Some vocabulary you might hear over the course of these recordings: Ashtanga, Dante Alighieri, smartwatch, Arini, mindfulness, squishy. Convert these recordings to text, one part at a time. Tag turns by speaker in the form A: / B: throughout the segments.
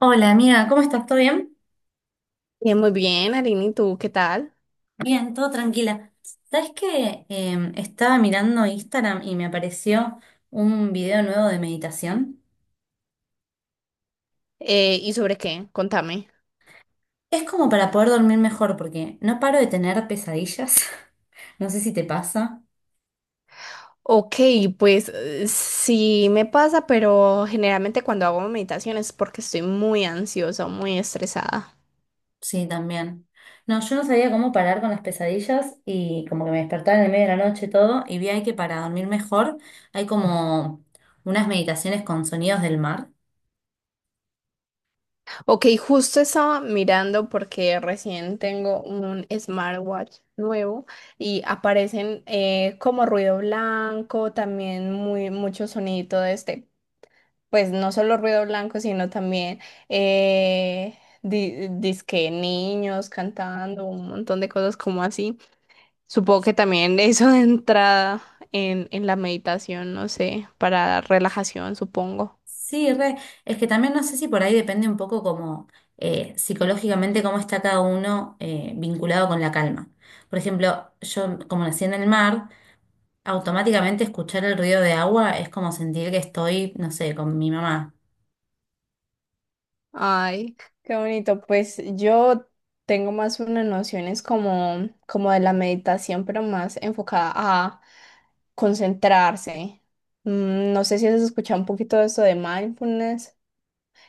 A: Hola amiga, ¿cómo estás? ¿Todo bien?
B: Muy bien, Arini, ¿y tú qué tal?
A: Bien, todo tranquila. ¿Sabes qué? Estaba mirando Instagram y me apareció un video nuevo de meditación.
B: ¿Y sobre qué? Contame.
A: Es como para poder dormir mejor porque no paro de tener pesadillas. No sé si te pasa.
B: Ok, pues sí me pasa, pero generalmente cuando hago meditación es porque estoy muy ansiosa, o muy estresada.
A: Sí, también. No, yo no sabía cómo parar con las pesadillas y como que me despertaba en el medio de la noche y todo y vi ahí que para dormir mejor hay como unas meditaciones con sonidos del mar.
B: Ok, justo estaba mirando porque recién tengo un smartwatch nuevo y aparecen como ruido blanco, también muy mucho sonido de este. Pues no solo ruido blanco, sino también dizque niños cantando, un montón de cosas como así. Supongo que también eso de entrada en la meditación, no sé, para relajación, supongo.
A: Sí, re. Es que también no sé si por ahí depende un poco como psicológicamente cómo está cada uno, vinculado con la calma. Por ejemplo, yo como nací en el mar, automáticamente escuchar el ruido de agua es como sentir que estoy, no sé, con mi mamá.
B: Ay, qué bonito. Pues yo tengo más unas nociones como, como de la meditación, pero más enfocada a concentrarse. Mm, no sé si has escuchado un poquito de eso de mindfulness.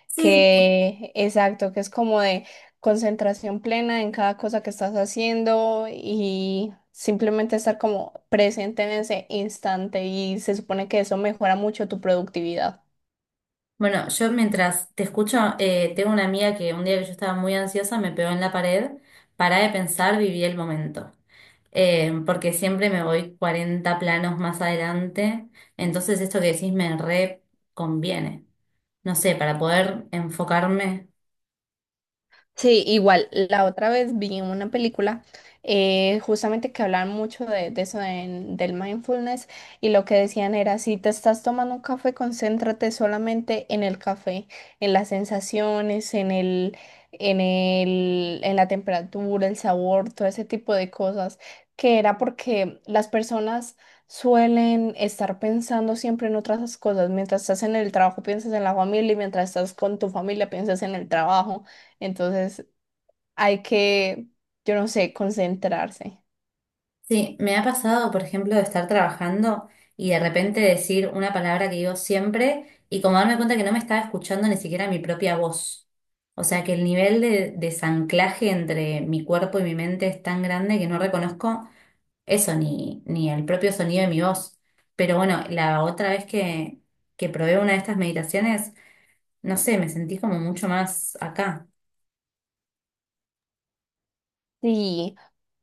A: Sí.
B: Que, exacto, que es como de concentración plena en cada cosa que estás haciendo y simplemente estar como presente en ese instante, y se supone que eso mejora mucho tu productividad.
A: Bueno, yo mientras te escucho, tengo una amiga que un día que yo estaba muy ansiosa me pegó en la pared, pará de pensar, viví el momento. Porque siempre me voy 40 planos más adelante, entonces esto que decís me re conviene. No sé, para poder enfocarme.
B: Sí, igual, la otra vez vi una película, justamente, que hablaban mucho de, eso del mindfulness, y lo que decían era, si te estás tomando un café, concéntrate solamente en el café, en las sensaciones, en la temperatura, el sabor, todo ese tipo de cosas, que era porque las personas suelen estar pensando siempre en otras cosas: mientras estás en el trabajo piensas en la familia y mientras estás con tu familia piensas en el trabajo. Entonces hay que, yo no sé, concentrarse.
A: Sí, me ha pasado, por ejemplo, de estar trabajando y de repente decir una palabra que digo siempre y como darme cuenta que no me estaba escuchando ni siquiera mi propia voz. O sea que el nivel de desanclaje entre mi cuerpo y mi mente es tan grande que no reconozco eso, ni el propio sonido de mi voz. Pero bueno, la otra vez que probé una de estas meditaciones, no sé, me sentí como mucho más acá.
B: Sí.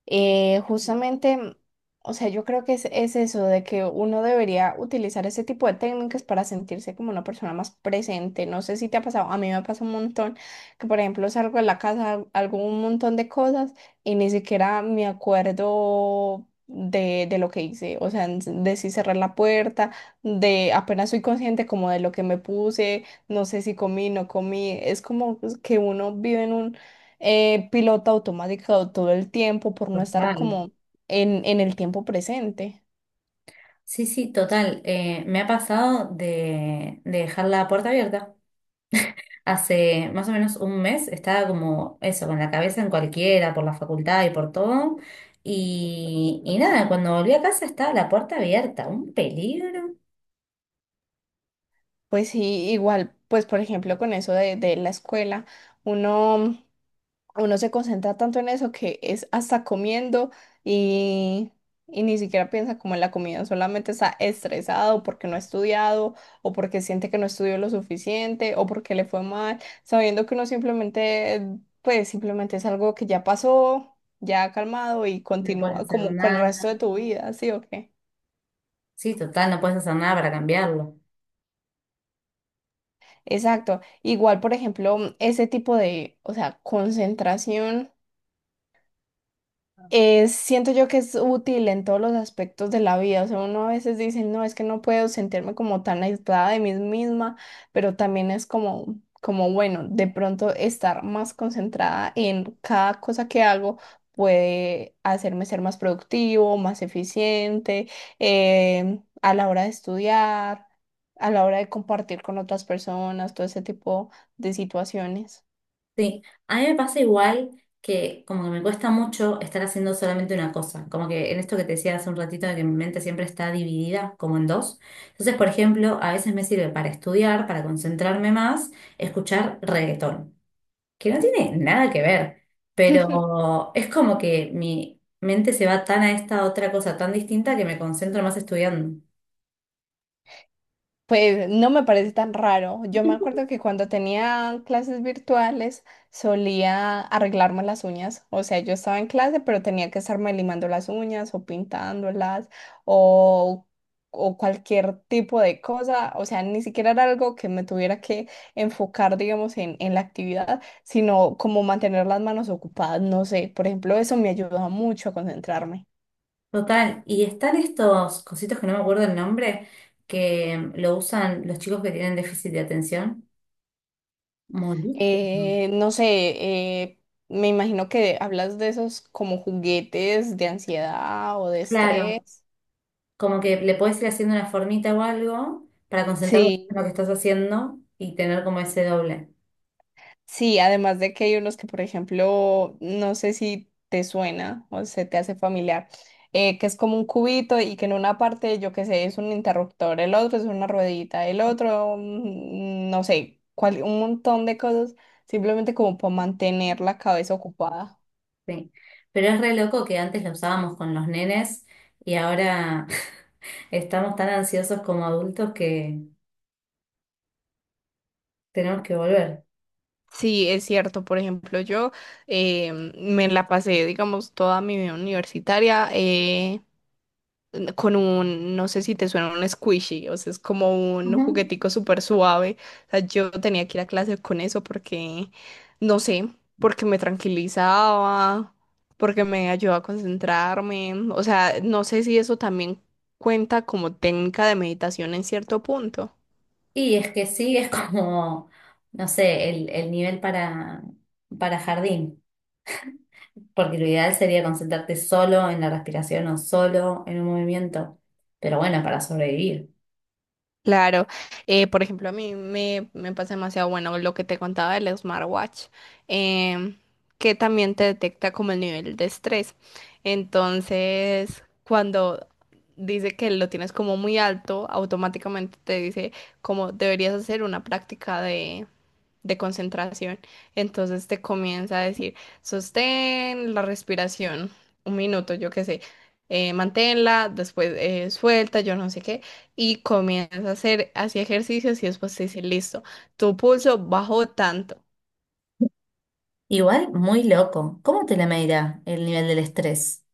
B: Justamente, mm, o sea, yo creo que es eso de que uno debería utilizar ese tipo de técnicas para sentirse como una persona más presente. No sé si te ha pasado, a mí me pasa un montón que, por ejemplo, salgo de la casa, hago un montón de cosas y ni siquiera me acuerdo de lo que hice, o sea, de si cerrar la puerta, de apenas soy consciente como de lo que me puse, no sé si comí, no comí. Es como pues, que uno vive piloto automático todo el tiempo por no estar
A: Total.
B: como en el tiempo presente.
A: Sí, sí, total. Me ha pasado de dejar la puerta abierta. Hace más o menos un mes estaba como eso, con la cabeza en cualquiera, por la facultad y por todo. Y nada, cuando volví a casa estaba la puerta abierta, un peligro.
B: Pues sí, igual, pues por ejemplo con eso de la escuela, uno uno se concentra tanto en eso que es hasta comiendo y, y ni siquiera piensa como en la comida, solamente está estresado porque no ha estudiado o porque siente que no estudió lo suficiente o porque le fue mal, sabiendo que uno simplemente, pues simplemente es algo que ya pasó, ya ha calmado y
A: No puedes
B: continúa
A: hacer
B: como con el
A: nada.
B: resto de tu vida, ¿sí o qué?
A: Sí, total, no puedes hacer nada para cambiarlo.
B: Exacto. Igual, por ejemplo, ese tipo de, o sea, concentración. Siento yo que es útil en todos los aspectos de la vida. O sea, uno a veces dice, no, es que no puedo sentirme como tan aislada de mí misma, pero también es como, como bueno, de pronto estar más concentrada en cada cosa que hago puede hacerme ser más productivo, más eficiente, a la hora de estudiar, a la hora de compartir con otras personas, todo ese tipo de situaciones.
A: Sí, a mí me pasa igual que como que me cuesta mucho estar haciendo solamente una cosa. Como que en esto que te decía hace un ratito de que mi mente siempre está dividida como en dos. Entonces, por ejemplo, a veces me sirve para estudiar, para concentrarme más, escuchar reggaetón. Que no tiene nada que ver, pero es como que mi mente se va tan a esta otra cosa tan distinta que me concentro más estudiando.
B: Pues no me parece tan raro. Yo me acuerdo que cuando tenía clases virtuales solía arreglarme las uñas. O sea, yo estaba en clase, pero tenía que estarme limando las uñas o pintándolas o, o cualquier tipo de cosa. O sea, ni siquiera era algo que me tuviera que enfocar, digamos, en la actividad, sino como mantener las manos ocupadas. No sé, por ejemplo, eso me ayudaba mucho a concentrarme.
A: Total, y están estos cositos que no me acuerdo el nombre, que lo usan los chicos que tienen déficit de atención. Molículo.
B: No sé, eh, me imagino que hablas de esos como juguetes de ansiedad o de
A: Claro,
B: estrés.
A: como que le puedes ir haciendo una formita o algo para concentrarte en
B: Sí,
A: lo que estás haciendo y tener como ese doble.
B: sí, además de que hay unos que, por ejemplo, no sé si te suena o se te hace familiar, que es como un cubito y que en una parte, yo qué sé, es un interruptor, el otro es una ruedita, el otro, mm, no sé, un montón de cosas, simplemente como para mantener la cabeza ocupada.
A: Sí, pero es re loco que antes lo usábamos con los nenes y ahora estamos tan ansiosos como adultos que tenemos que volver.
B: Sí, es cierto. Por ejemplo, yo me la pasé, digamos, toda mi vida universitaria, con un, no sé si te suena, un squishy, o sea, es como un
A: Ujú.
B: juguetico súper suave. O sea, yo tenía que ir a clase con eso porque, no sé, porque me tranquilizaba, porque me ayudaba a concentrarme. O sea, no sé si eso también cuenta como técnica de meditación en cierto punto.
A: Y es que sí, es como, no sé, el nivel para jardín, porque lo ideal sería concentrarte solo en la respiración o solo en un movimiento, pero bueno, para sobrevivir.
B: Claro, por ejemplo, a mí me, me pasa demasiado bueno lo que te contaba del smartwatch, em, que también te detecta como el nivel de estrés. Entonces, cuando dice que lo tienes como muy alto, automáticamente te dice como deberías hacer una práctica de concentración. Entonces te comienza a decir, sostén la respiración, un minuto, yo qué sé, manténla, después suelta, yo no sé qué, y comienza a hacer así ejercicios y después te dice, listo, tu pulso bajó tanto.
A: Igual, muy loco. ¿Cómo te la medirá el nivel del estrés?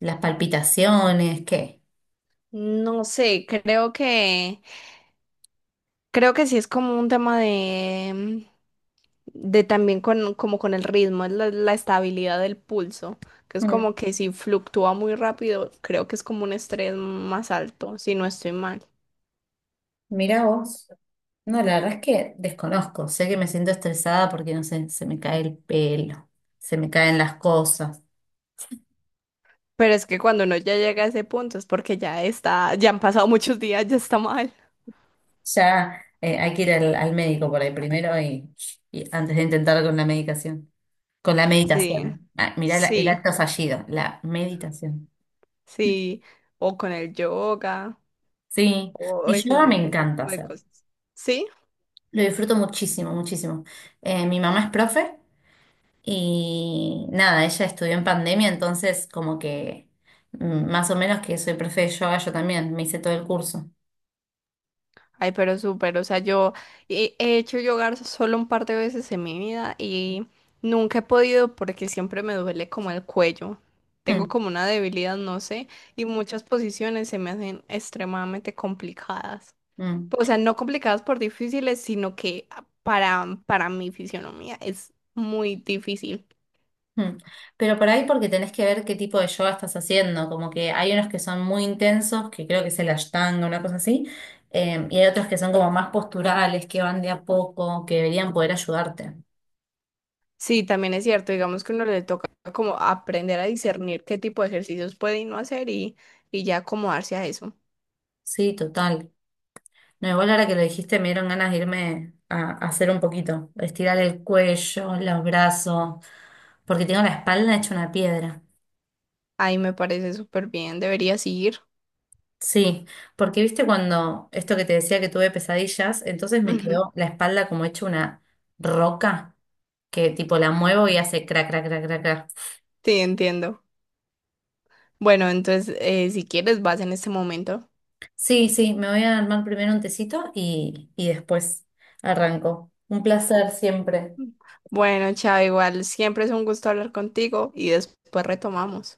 A: ¿Las palpitaciones? ¿Qué?
B: No sé, creo que sí es como un tema de también con, como con el ritmo, es la, la estabilidad del pulso, que es
A: Mm,
B: como que si fluctúa muy rápido, creo que es como un estrés más alto, si no estoy mal.
A: mira vos. No, la verdad es que desconozco. Sé que me siento estresada porque, no sé, se me cae el pelo, se me caen las cosas.
B: Pero es que cuando uno ya llega a ese punto es porque ya está, ya han pasado muchos días, ya está mal.
A: Ya, hay que ir al médico por ahí primero y antes de intentar con la medicación. Con la
B: Sí,
A: meditación. Ah, mirá la- el
B: sí,
A: acto fallido, la meditación.
B: sí. O con el yoga,
A: Sí,
B: o
A: y yo
B: ese,
A: me
B: ese
A: encanta
B: tipo de
A: hacer.
B: cosas. ¿Sí?
A: Lo disfruto muchísimo, muchísimo. Mi mamá es profe y nada, ella estudió en pandemia, entonces como que más o menos que soy profe de yoga, yo también me hice todo el curso.
B: Ay, pero súper, o sea, yo he hecho yoga solo un par de veces en mi vida y nunca he podido porque siempre me duele como el cuello. Tengo
A: Mm,
B: como una debilidad, no sé, y muchas posiciones se me hacen extremadamente complicadas. O
A: mm,
B: sea, no complicadas por difíciles, sino que para mi fisionomía es muy difícil.
A: mm. Pero por ahí porque tenés que ver qué tipo de yoga estás haciendo, como que hay unos que son muy intensos, que creo que es el Ashtanga, una cosa así, y hay otros que son como más posturales, que van de a poco, que deberían poder ayudarte.
B: Sí, también es cierto, digamos que uno le toca como aprender a discernir qué tipo de ejercicios puede y no hacer y ya acomodarse a eso.
A: Sí, total. No, igual ahora que lo dijiste me dieron ganas de irme a hacer un poquito, estirar el cuello, los brazos, porque tengo la espalda hecha una piedra.
B: Ay, me parece súper bien, deberías ir.
A: Sí, porque viste cuando esto que te decía que tuve pesadillas, entonces me
B: Ujú.
A: quedó la espalda como hecha una roca que tipo la muevo y hace crac, crac, crac, crac, crac.
B: Sí, entiendo. Bueno, entonces, si quieres, vas en este momento.
A: Sí, sí, me voy a armar primero un tecito y después arranco. Un placer siempre.
B: Bueno, chao, igual, siempre es un gusto hablar contigo y después retomamos.